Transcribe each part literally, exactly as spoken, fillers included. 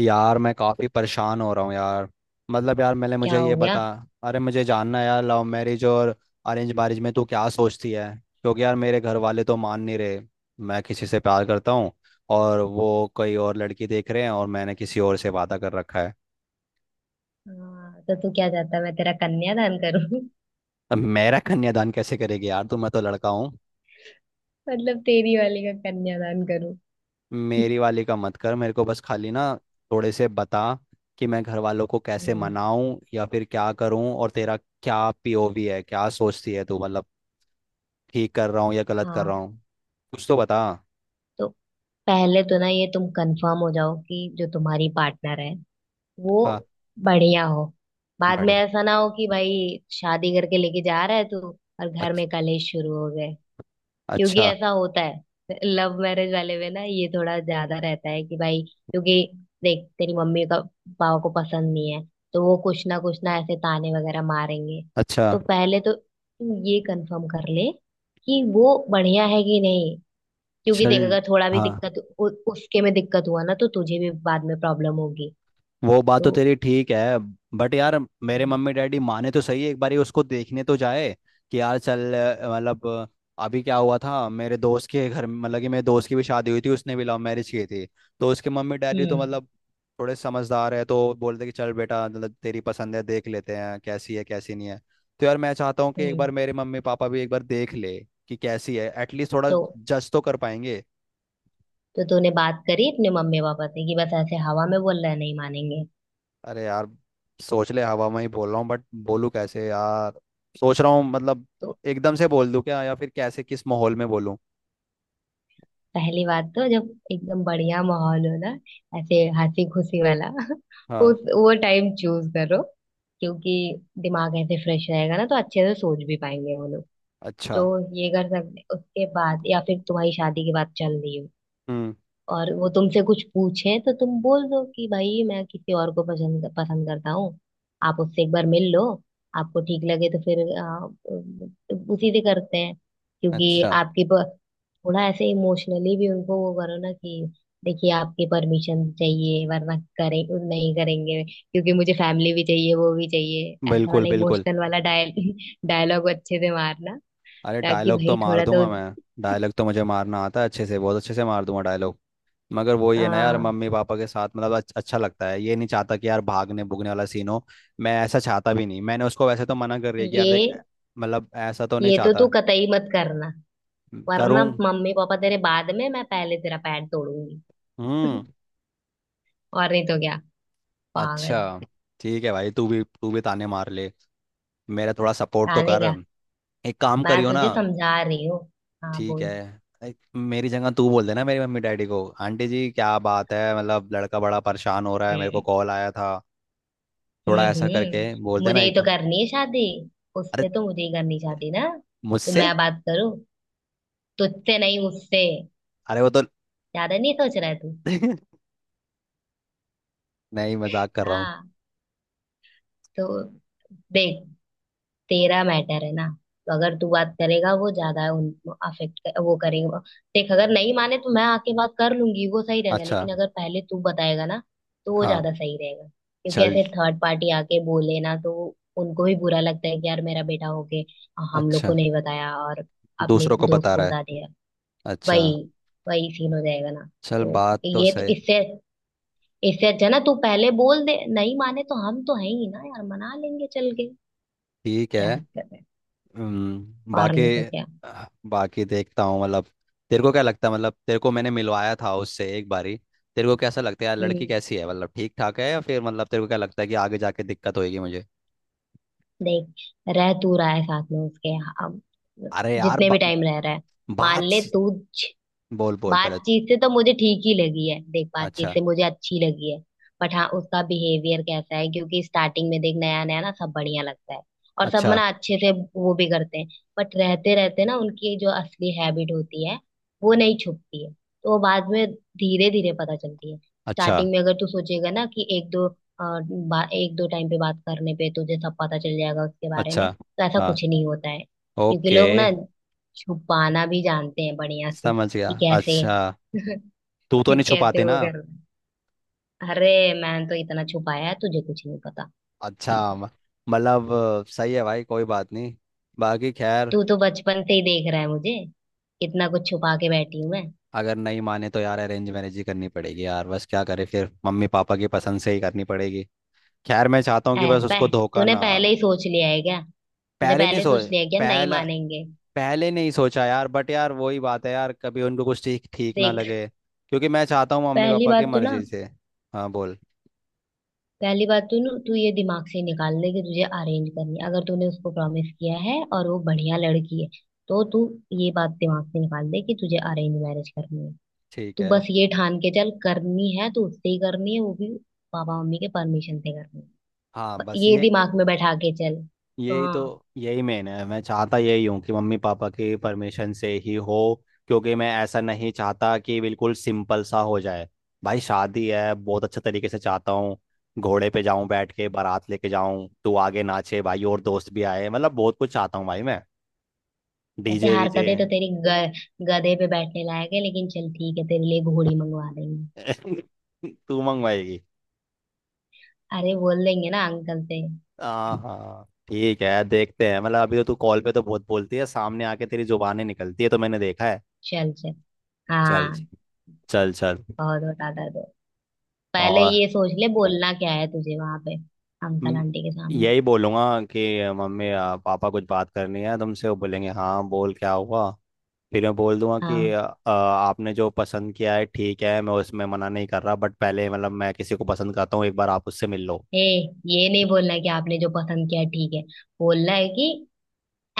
यार मैं काफ़ी परेशान हो रहा हूँ यार। मतलब यार मैंने क्या मुझे हो ये बता। गया। अरे मुझे जानना है यार लव मैरिज और अरेंज मैरिज में तू क्या सोचती है? क्योंकि यार मेरे घर वाले तो मान नहीं रहे। मैं किसी से प्यार करता हूँ और वो कोई और लड़की देख रहे हैं और मैंने किसी और से वादा कर रखा है। हाँ, तो तू क्या चाहता है, मैं तेरा कन्यादान करूं? अब मेरा कन्यादान कैसे करेगी यार तू? मैं तो लड़का हूँ। मतलब तेरी वाली का कन्यादान करूं? मेरी वाली का मत कर, मेरे को बस खाली ना थोड़े से बता कि मैं घर वालों को कैसे हम्म। मनाऊं या फिर क्या करूं। और तेरा क्या पी ओ वी है, क्या सोचती है तू? मतलब ठीक कर रहा हूँ या गलत कर रहा हाँ, हूँ, कुछ तो बता। तो पहले तो ना ये तुम कंफर्म हो जाओ कि जो तुम्हारी पार्टनर है वो हाँ। बढ़िया हो। बाद में बड़े। ऐसा ना हो कि भाई, शादी करके लेके जा रहा है तू और घर अच्छा। में कलेश शुरू हो गए। क्योंकि अच्छा। ऐसा होता है, लव मैरिज वाले में ना ये थोड़ा ज्यादा रहता है कि भाई, क्योंकि देख तेरी मम्मी का पापा को पसंद नहीं है तो वो कुछ ना कुछ ना ऐसे ताने वगैरह मारेंगे। अच्छा। तो पहले तो तू ये कंफर्म कर ले कि वो बढ़िया है कि नहीं। क्योंकि देख, चल। अगर थोड़ा भी हाँ। दिक्कत, उ, उसके में दिक्कत हुआ ना तो तुझे भी बाद में प्रॉब्लम होगी। वो बात तो तो तेरी ठीक है, बट यार मेरे हम्म मम्मी डैडी माने तो सही, एक बारी उसको देखने तो जाए कि यार चल। अ, मतलब अ, अभी क्या हुआ था मेरे दोस्त के घर में- मतलब कि मेरे दोस्त की भी शादी हुई थी, उसने भी लव मैरिज की थी। तो उसके मम्मी डैडी तो मतलब थोड़े समझदार है, तो बोलते कि चल बेटा मतलब तेरी पसंद है देख लेते हैं कैसी है कैसी नहीं है। तो यार मैं चाहता हूँ कि एक बार हम्म। मेरे मम्मी पापा भी एक बार देख ले कि कैसी है, एटलीस्ट थोड़ा तो जज तो कर पाएंगे। तो तूने बात करी अपने मम्मी पापा से कि बस ऐसे हवा में बोल रहा है, नहीं मानेंगे? अरे यार सोच ले हवा में ही बोल रहा हूँ, बट बोलूँ कैसे यार? सोच रहा हूँ मतलब तो एकदम से बोल दूँ क्या या फिर कैसे किस माहौल में बोलूँ? पहली बात, तो जब एकदम बढ़िया माहौल हो ना, ऐसे हंसी खुशी वाला हाँ। उस वो टाइम चूज करो। क्योंकि दिमाग ऐसे फ्रेश रहेगा ना तो अच्छे से सोच भी पाएंगे वो लोग। अच्छा। तो ये कर सकते उसके बाद, या फिर तुम्हारी शादी के बाद चल रही हो हम्म। और वो तुमसे कुछ पूछे तो तुम बोल दो कि भाई, मैं किसी और को पसंद पसंद करता हूँ, आप उससे एक बार मिल लो, आपको ठीक लगे तो फिर आ, उसी से करते हैं। क्योंकि अच्छा। आपकी प- थोड़ा ऐसे इमोशनली भी उनको वो करो ना कि देखिए, आपकी परमिशन चाहिए वरना करें नहीं, करेंगे क्योंकि मुझे फैमिली भी चाहिए वो भी चाहिए, ऐसा बिल्कुल वाला बिल्कुल। इमोशनल वाला डायल डायलॉग अच्छे से मारना, अरे ताकि डायलॉग तो भाई मार थोड़ा तो। दूंगा मैं। डायलॉग तो मुझे मारना आता है, अच्छे से बहुत अच्छे से मार दूंगा डायलॉग। मगर वही है ना यार, आ, मम्मी पापा के साथ मतलब अच्छ- अच्छा लगता है, ये नहीं चाहता कि यार भागने भुगने वाला सीन हो। मैं ऐसा चाहता भी नहीं, मैंने उसको वैसे तो मना कर रही है कि यार देख ये मतलब ऐसा तो नहीं ये तो तू चाहता। कतई मत करना, वरना करूँ। मम्मी पापा तेरे बाद में मैं पहले तेरा पैर तोड़ूंगी। हम्म। और नहीं तो क्या, पागल। अच्छा। ठीक है भाई तू भी तू भी ताने मार ले। मेरा थोड़ा सपोर्ट तो जाने कर। क्या, एक काम मैं करियो ना। तुझे समझा रही हूँ। हाँ ठीक बोल। है। एक- मेरी जगह तू बोल देना मेरी मम्मी डैडी को। आंटी जी क्या बात है, मतलब लड़का बड़ा परेशान हो रहा है, मेरे को हम्म कॉल आया था। हम्म थोड़ा ऐसा करके बोल हम्म। देना मुझे ही एक तो बार। करनी है शादी। अरे उससे तो मुझे ही करनी शादी ना, तो मुझसे। मैं बात करूँ तुझसे? नहीं, उससे। अरे वो तो। ज्यादा नहीं सोच रहा है तू? नहीं मजाक कर रहा हूँ। हाँ। तो देख, तेरा मैटर है ना, तो अगर तू बात करेगा वो ज्यादा उन अफेक्ट वो करेगा। देख, अगर नहीं माने तो मैं आके बात कर लूंगी, वो सही रहेगा। अच्छा। लेकिन अगर पहले तू बताएगा ना तो वो हाँ। ज्यादा सही रहेगा। क्योंकि चल। ऐसे थर्ड पार्टी आके बोले ना तो उनको भी बुरा लगता है कि यार मेरा बेटा होके हम लोग को अच्छा। नहीं बताया और अपने दूसरों को दोस्त बता को रहा है। बता दिया। अच्छा। वही वही सीन हो जाएगा ना। चल तो बात तो ये तो सही। इससे इससे अच्छा ना तू पहले बोल दे, नहीं माने तो हम तो है ही ना यार, मना लेंगे चल के। ठीक है। क्या दिक्कत है? हम्म, और बाकी। नहीं तो क्या। आह, बाकी देखता हूँ मतलब। तेरे को क्या लगता है मतलब तेरे को मैंने मिलवाया था उससे एक बारी। तेरे को कैसा लगता है यार लड़की हम्म। कैसी है, मतलब ठीक ठाक है या फिर मतलब तेरे को क्या लगता है कि आगे जाके दिक्कत होगी मुझे? देख, रह तू रहा है साथ में उसके, अब अरे यार जितने भी बा, टाइम रह रहा है मान बात ले सी- तू, बोल बोल पहले। बातचीत से तो मुझे ठीक ही लगी है। देख, बातचीत अच्छा। से मुझे अच्छी लगी है, बट हाँ उसका बिहेवियर कैसा है, क्योंकि स्टार्टिंग में देख नया नया ना सब बढ़िया लगता है, और सब अच्छा। ना अच्छे से वो भी करते हैं। बट रहते रहते ना उनकी जो असली हैबिट होती है वो नहीं छुपती है, तो वो बाद में धीरे धीरे पता चलती है। अच्छा। स्टार्टिंग में अगर तू सोचेगा ना कि एक दो अ, बा, एक दो टाइम पे बात करने पे तुझे सब पता चल जाएगा उसके बारे अच्छा। में, तो ऐसा हाँ। कुछ नहीं होता है। क्योंकि ओके। लोग ना छुपाना भी जानते हैं बढ़िया से, समझ गया कि कैसे अच्छा। तू तो नहीं कैसे छुपाते वो ना। करना। अरे, मैंने तो इतना छुपाया है, तुझे कुछ नहीं पता। अच्छा म- मतलब अ, सही है भाई कोई बात नहीं। बाकी खैर, तू तो बचपन से ही देख रहा है मुझे, कितना कुछ छुपा के बैठी हूं मैं। अगर नहीं माने तो यार अरेंज मैरिज ही करनी पड़ेगी यार, बस क्या करे फिर मम्मी पापा की पसंद से ही करनी पड़ेगी। खैर मैं चाहता हूँ ऐ कि बस पह उसको धोखा तूने ना। पहले ही सोच लिया है क्या? तूने पहले नहीं पहले सो सोच लिया है क्या, नहीं पहला मानेंगे? पहले नहीं सोचा यार, बट यार वही बात है यार कभी उनको कुछ ठीक ठीक ना देख, लगे। क्योंकि मैं चाहता हूँ मम्मी पहली पापा बात की तो ना, मर्जी से। हाँ बोल। पहली बात तो ना तू ये दिमाग से निकाल ले कि तुझे अरेंज करनी है। अगर तूने उसको प्रॉमिस किया है और वो बढ़िया लड़की है, तो तू ये बात दिमाग से निकाल दे कि तुझे अरेंज मैरिज करनी है। ठीक तू है। बस ये ठान के चल, करनी है तो उससे ही करनी है, वो भी पापा मम्मी के परमिशन से करनी है। हाँ ब- बस ये ये दिमाग में बैठा के चल। यही तो हाँ। यही मेन है, मैं चाहता यही हूँ कि मम्मी पापा की परमिशन से ही हो। क्योंकि मैं ऐसा नहीं चाहता कि बिल्कुल सिंपल सा हो जाए। भाई शादी है, बहुत अच्छे तरीके से चाहता हूँ। घोड़े पे जाऊं बैठ के, बारात लेके जाऊं, तू आगे नाचे भाई और दोस्त भी आए, मतलब बहुत कुछ चाहता हूँ भाई मैं। वैसे डी जे वीजे। हरकतें तो तेरी ग, गधे पे बैठने लायक है, लेकिन चल ठीक है, तेरे लिए घोड़ी मंगवा देंगे। तू मंगवाएगी? अरे बोल देंगे ना अंकल से। हाँ हाँ ठीक है देखते हैं, मतलब अभी तो तू कॉल पे तो बहुत बोलती है, सामने आके तेरी जुबानें निकलती है तो मैंने देखा है। चल चल। चल जी, हाँ। चल चल। बहुत बता दर्द हो। पहले और। ये सोच ले बोलना क्या है तुझे वहां पे, अंकल हम्म, आंटी के सामने। यही बोलूंगा कि मम्मी आ, पापा कुछ बात करनी है तुमसे, वो बोलेंगे हाँ बोल क्या हुआ। फिर मैं बोल दूंगा कि हाँ। आ, आ, आपने जो पसंद किया है ठीक है, मैं उसमें मना नहीं कर रहा बट पहले मतलब मैं किसी को पसंद करता हूँ, एक बार आप उससे मिल लो। ए, ये नहीं बोलना कि आपने जो पसंद किया ठीक है। बोलना है कि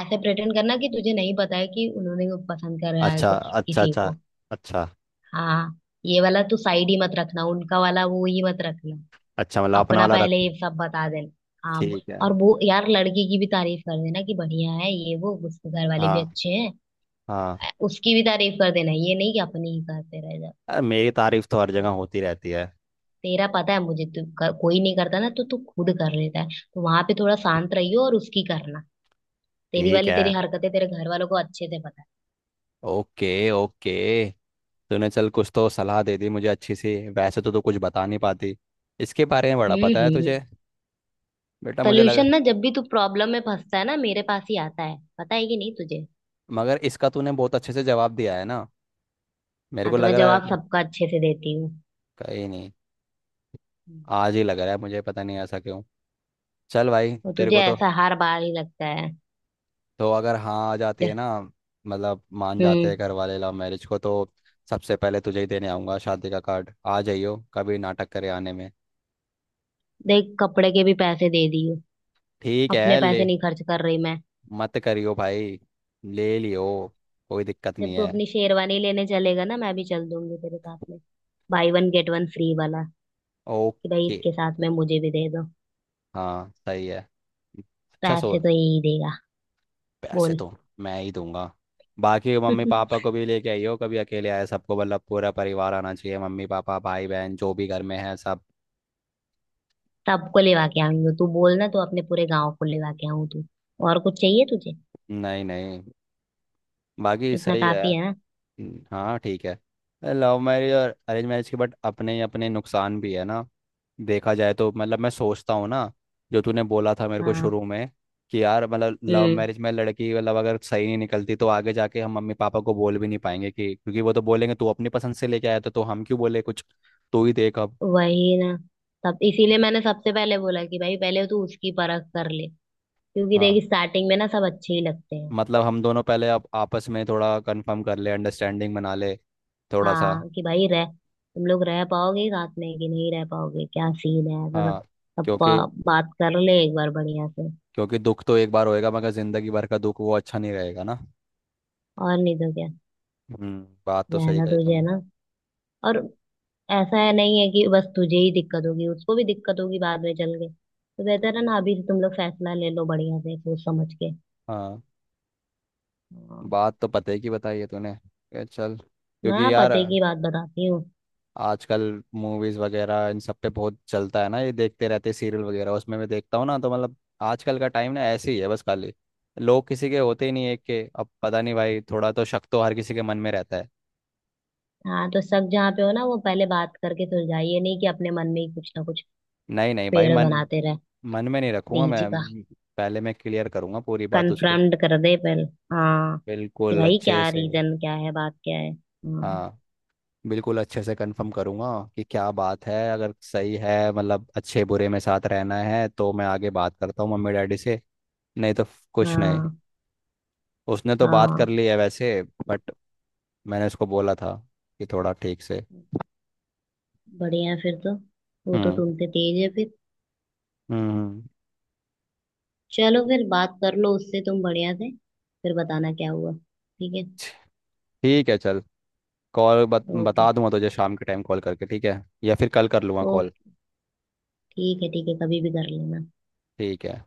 ऐसे प्रेटेंड करना कि तुझे नहीं पता है कि उन्होंने वो पसंद कर रहा है अच्छा को- अच्छा किसी अच्छा। को। अच्छा। हाँ। ये वाला तू साइड ही मत रखना, उनका वाला वो ही मत रखना। अच्छा मतलब अपना अपना वाला पहले रखो। ये सब बता देना। हाँ। ठीक है। और वो यार लड़की की भी तारीफ कर देना कि बढ़िया है ये वो, उसके घर वाले भी हाँ अच्छे हैं। हाँ। उसकी भी तारीफ कर देना, ये नहीं कि अपनी ही करते रह जा। अरे मेरी तारीफ तो हर जगह होती रहती है। तेरा पता है मुझे, तू कर, कोई नहीं करता ना तो तू खुद कर लेता है। तो वहां पे थोड़ा शांत रहियो और उसकी करना। तेरी ठीक वाली, है। तेरी हरकतें तेरे घर वालों को अच्छे से पता है। Okay okay. तूने चल कुछ तो सलाह दे दी मुझे अच्छी सी, वैसे तो तू कुछ बता नहीं पाती। इसके बारे में बड़ा हम्म पता है हम्म। तुझे। बेटा मुझे लग। सोल्यूशन ना, जब भी तू प्रॉब्लम में फंसता है ना मेरे पास ही आता है, पता है कि नहीं तुझे? मगर इसका तूने बहुत अच्छे से जवाब दिया है ना। मेरे हाँ, को तो लग मैं रहा है। जवाब सबका अच्छे से देती हूँ। कहीं नहीं। हम्म। आज ही लग रहा है मुझे, पता नहीं ऐसा क्यों। चल भाई तो तेरे तुझे को तो। ऐसा हर बार ही लगता है। तो अगर हाँ आ जाती है जे- ना मतलब मान जाते हम्म। हैं घर वाले लव मैरिज को, तो सबसे पहले तुझे ही देने आऊँगा शादी का कार्ड। आ जाइयो कभी, नाटक करे आने में। देख, कपड़े के भी पैसे दे दियो, ठीक अपने है ले। पैसे नहीं खर्च कर रही मैं। मत करियो भाई, ले लियो, कोई दिक्कत जब नहीं तू है। अपनी शेरवानी लेने चलेगा ना, मैं भी चल दूंगी तेरे साथ में, buy one get one free वाला, कि भाई ओके। इसके साथ में मुझे भी दे दो। हाँ सही है। अच्छा सो। पैसे तो यही देगा। पैसे बोल। तो मैं ही दूंगा। बाकी मम्मी पापा को भी लेके आइयो कभी, अकेले आए सबको, मतलब पूरा परिवार आना चाहिए, मम्मी पापा भाई बहन जो भी घर में है सब। सबको लेवा के आऊंगी, तू बोल ना तो अपने पूरे गांव को लेवा के आऊं तू। और कुछ चाहिए तुझे? नहीं नहीं। बाकी इतना सही है। काफी है ना। हम्म, हाँ ठीक है। लव मैरिज और अरेंज मैरिज के बट अपने अपने नुकसान भी है ना, देखा जाए तो मतलब मैं सोचता हूँ ना जो तूने बोला था मेरे को हाँ। शुरू में कि यार मतलब लव हम्म। मैरिज में लड़की मतलब अगर सही नहीं निकलती तो आगे जाके हम मम्मी पापा को बोल भी नहीं पाएंगे कि, क्योंकि वो तो बोलेंगे तू अपनी पसंद से लेके आया था तो हम क्यों बोले कुछ। तू ही देख अब। वही ना, तब इसीलिए मैंने सबसे पहले बोला कि भाई पहले तू उसकी परख कर ले, क्योंकि हाँ। देखी स्टार्टिंग में ना सब अच्छे ही लगते हैं। मतलब हम दोनों पहले अब आपस में थोड़ा कंफर्म कर ले, अंडरस्टैंडिंग बना ले थोड़ा सा। हाँ, कि भाई रह, तुम लोग रह पाओगे साथ में कि नहीं रह पाओगे, क्या सीन है ऐसा सब, हाँ। सब क्योंकि बा- बात कर ले एक बार बढ़िया से। क्योंकि दुख तो एक बार होएगा मगर जिंदगी भर का दुख वो अच्छा नहीं रहेगा ना। और नहीं तो क्या। हम्म बात तो सही रहना कही तुझे है तूने। ना। और ऐसा है नहीं है कि बस तुझे ही दिक्कत होगी, उसको भी दिक्कत होगी बाद में चल के, तो बेहतर है ना अभी से तुम लोग फैसला ले लो बढ़िया से सोच समझ के। हाँ। हाँ। बात तो पते की बताई है तूने। ए, चल मैं क्योंकि यार पते की बात बताती हूँ। आजकल मूवीज वगैरह इन सब पे बहुत चलता है ना, ये देखते रहते सीरियल वगैरह उसमें मैं देखता हूँ ना तो मतलब आजकल का टाइम ना ऐसे ही है बस खाली। लोग किसी के होते ही नहीं एक के, अब पता नहीं भाई थोड़ा तो शक तो हर किसी के मन में रहता है। हाँ, तो सब जहाँ पे हो ना वो पहले बात करके सुलझाइए, ये नहीं कि अपने मन में ही कुछ ना कुछ नहीं नहीं भाई। पेड़ मन बनाते रह मन में नहीं रखूंगा बीज का। मैं। पहले मैं क्लियर करूंगा पूरी बात उसके कन्फ्रम्ड कर दे पहले। हाँ, कि बिल्कुल भाई अच्छे क्या से। रीजन क्या है, बात क्या है। हाँ। हाँ। बिल्कुल अच्छे से कंफर्म करूंगा कि क्या बात है अगर सही है मतलब अच्छे बुरे में साथ रहना है तो मैं आगे बात करता हूँ मम्मी डैडी से। नहीं तो फ- कुछ नहीं। हाँ। उसने तो बात कर हाँ, ली है वैसे। बट मैंने उसको बोला था कि थोड़ा ठीक से। बढ़िया है फिर तो। वो तो हम्म तुमसे तेज है फिर। हम्म। चलो फिर बात कर लो उससे तुम बढ़िया से, फिर बताना क्या हुआ, ठीक है? ठीक है चल। कॉल बत, ओके बता दूंगा तुझे शाम के टाइम कॉल करके, ठीक है या फिर कल कर लूँगा कॉल। ओके। ठीक है ठीक है, कभी भी कर लेना। ठीक है।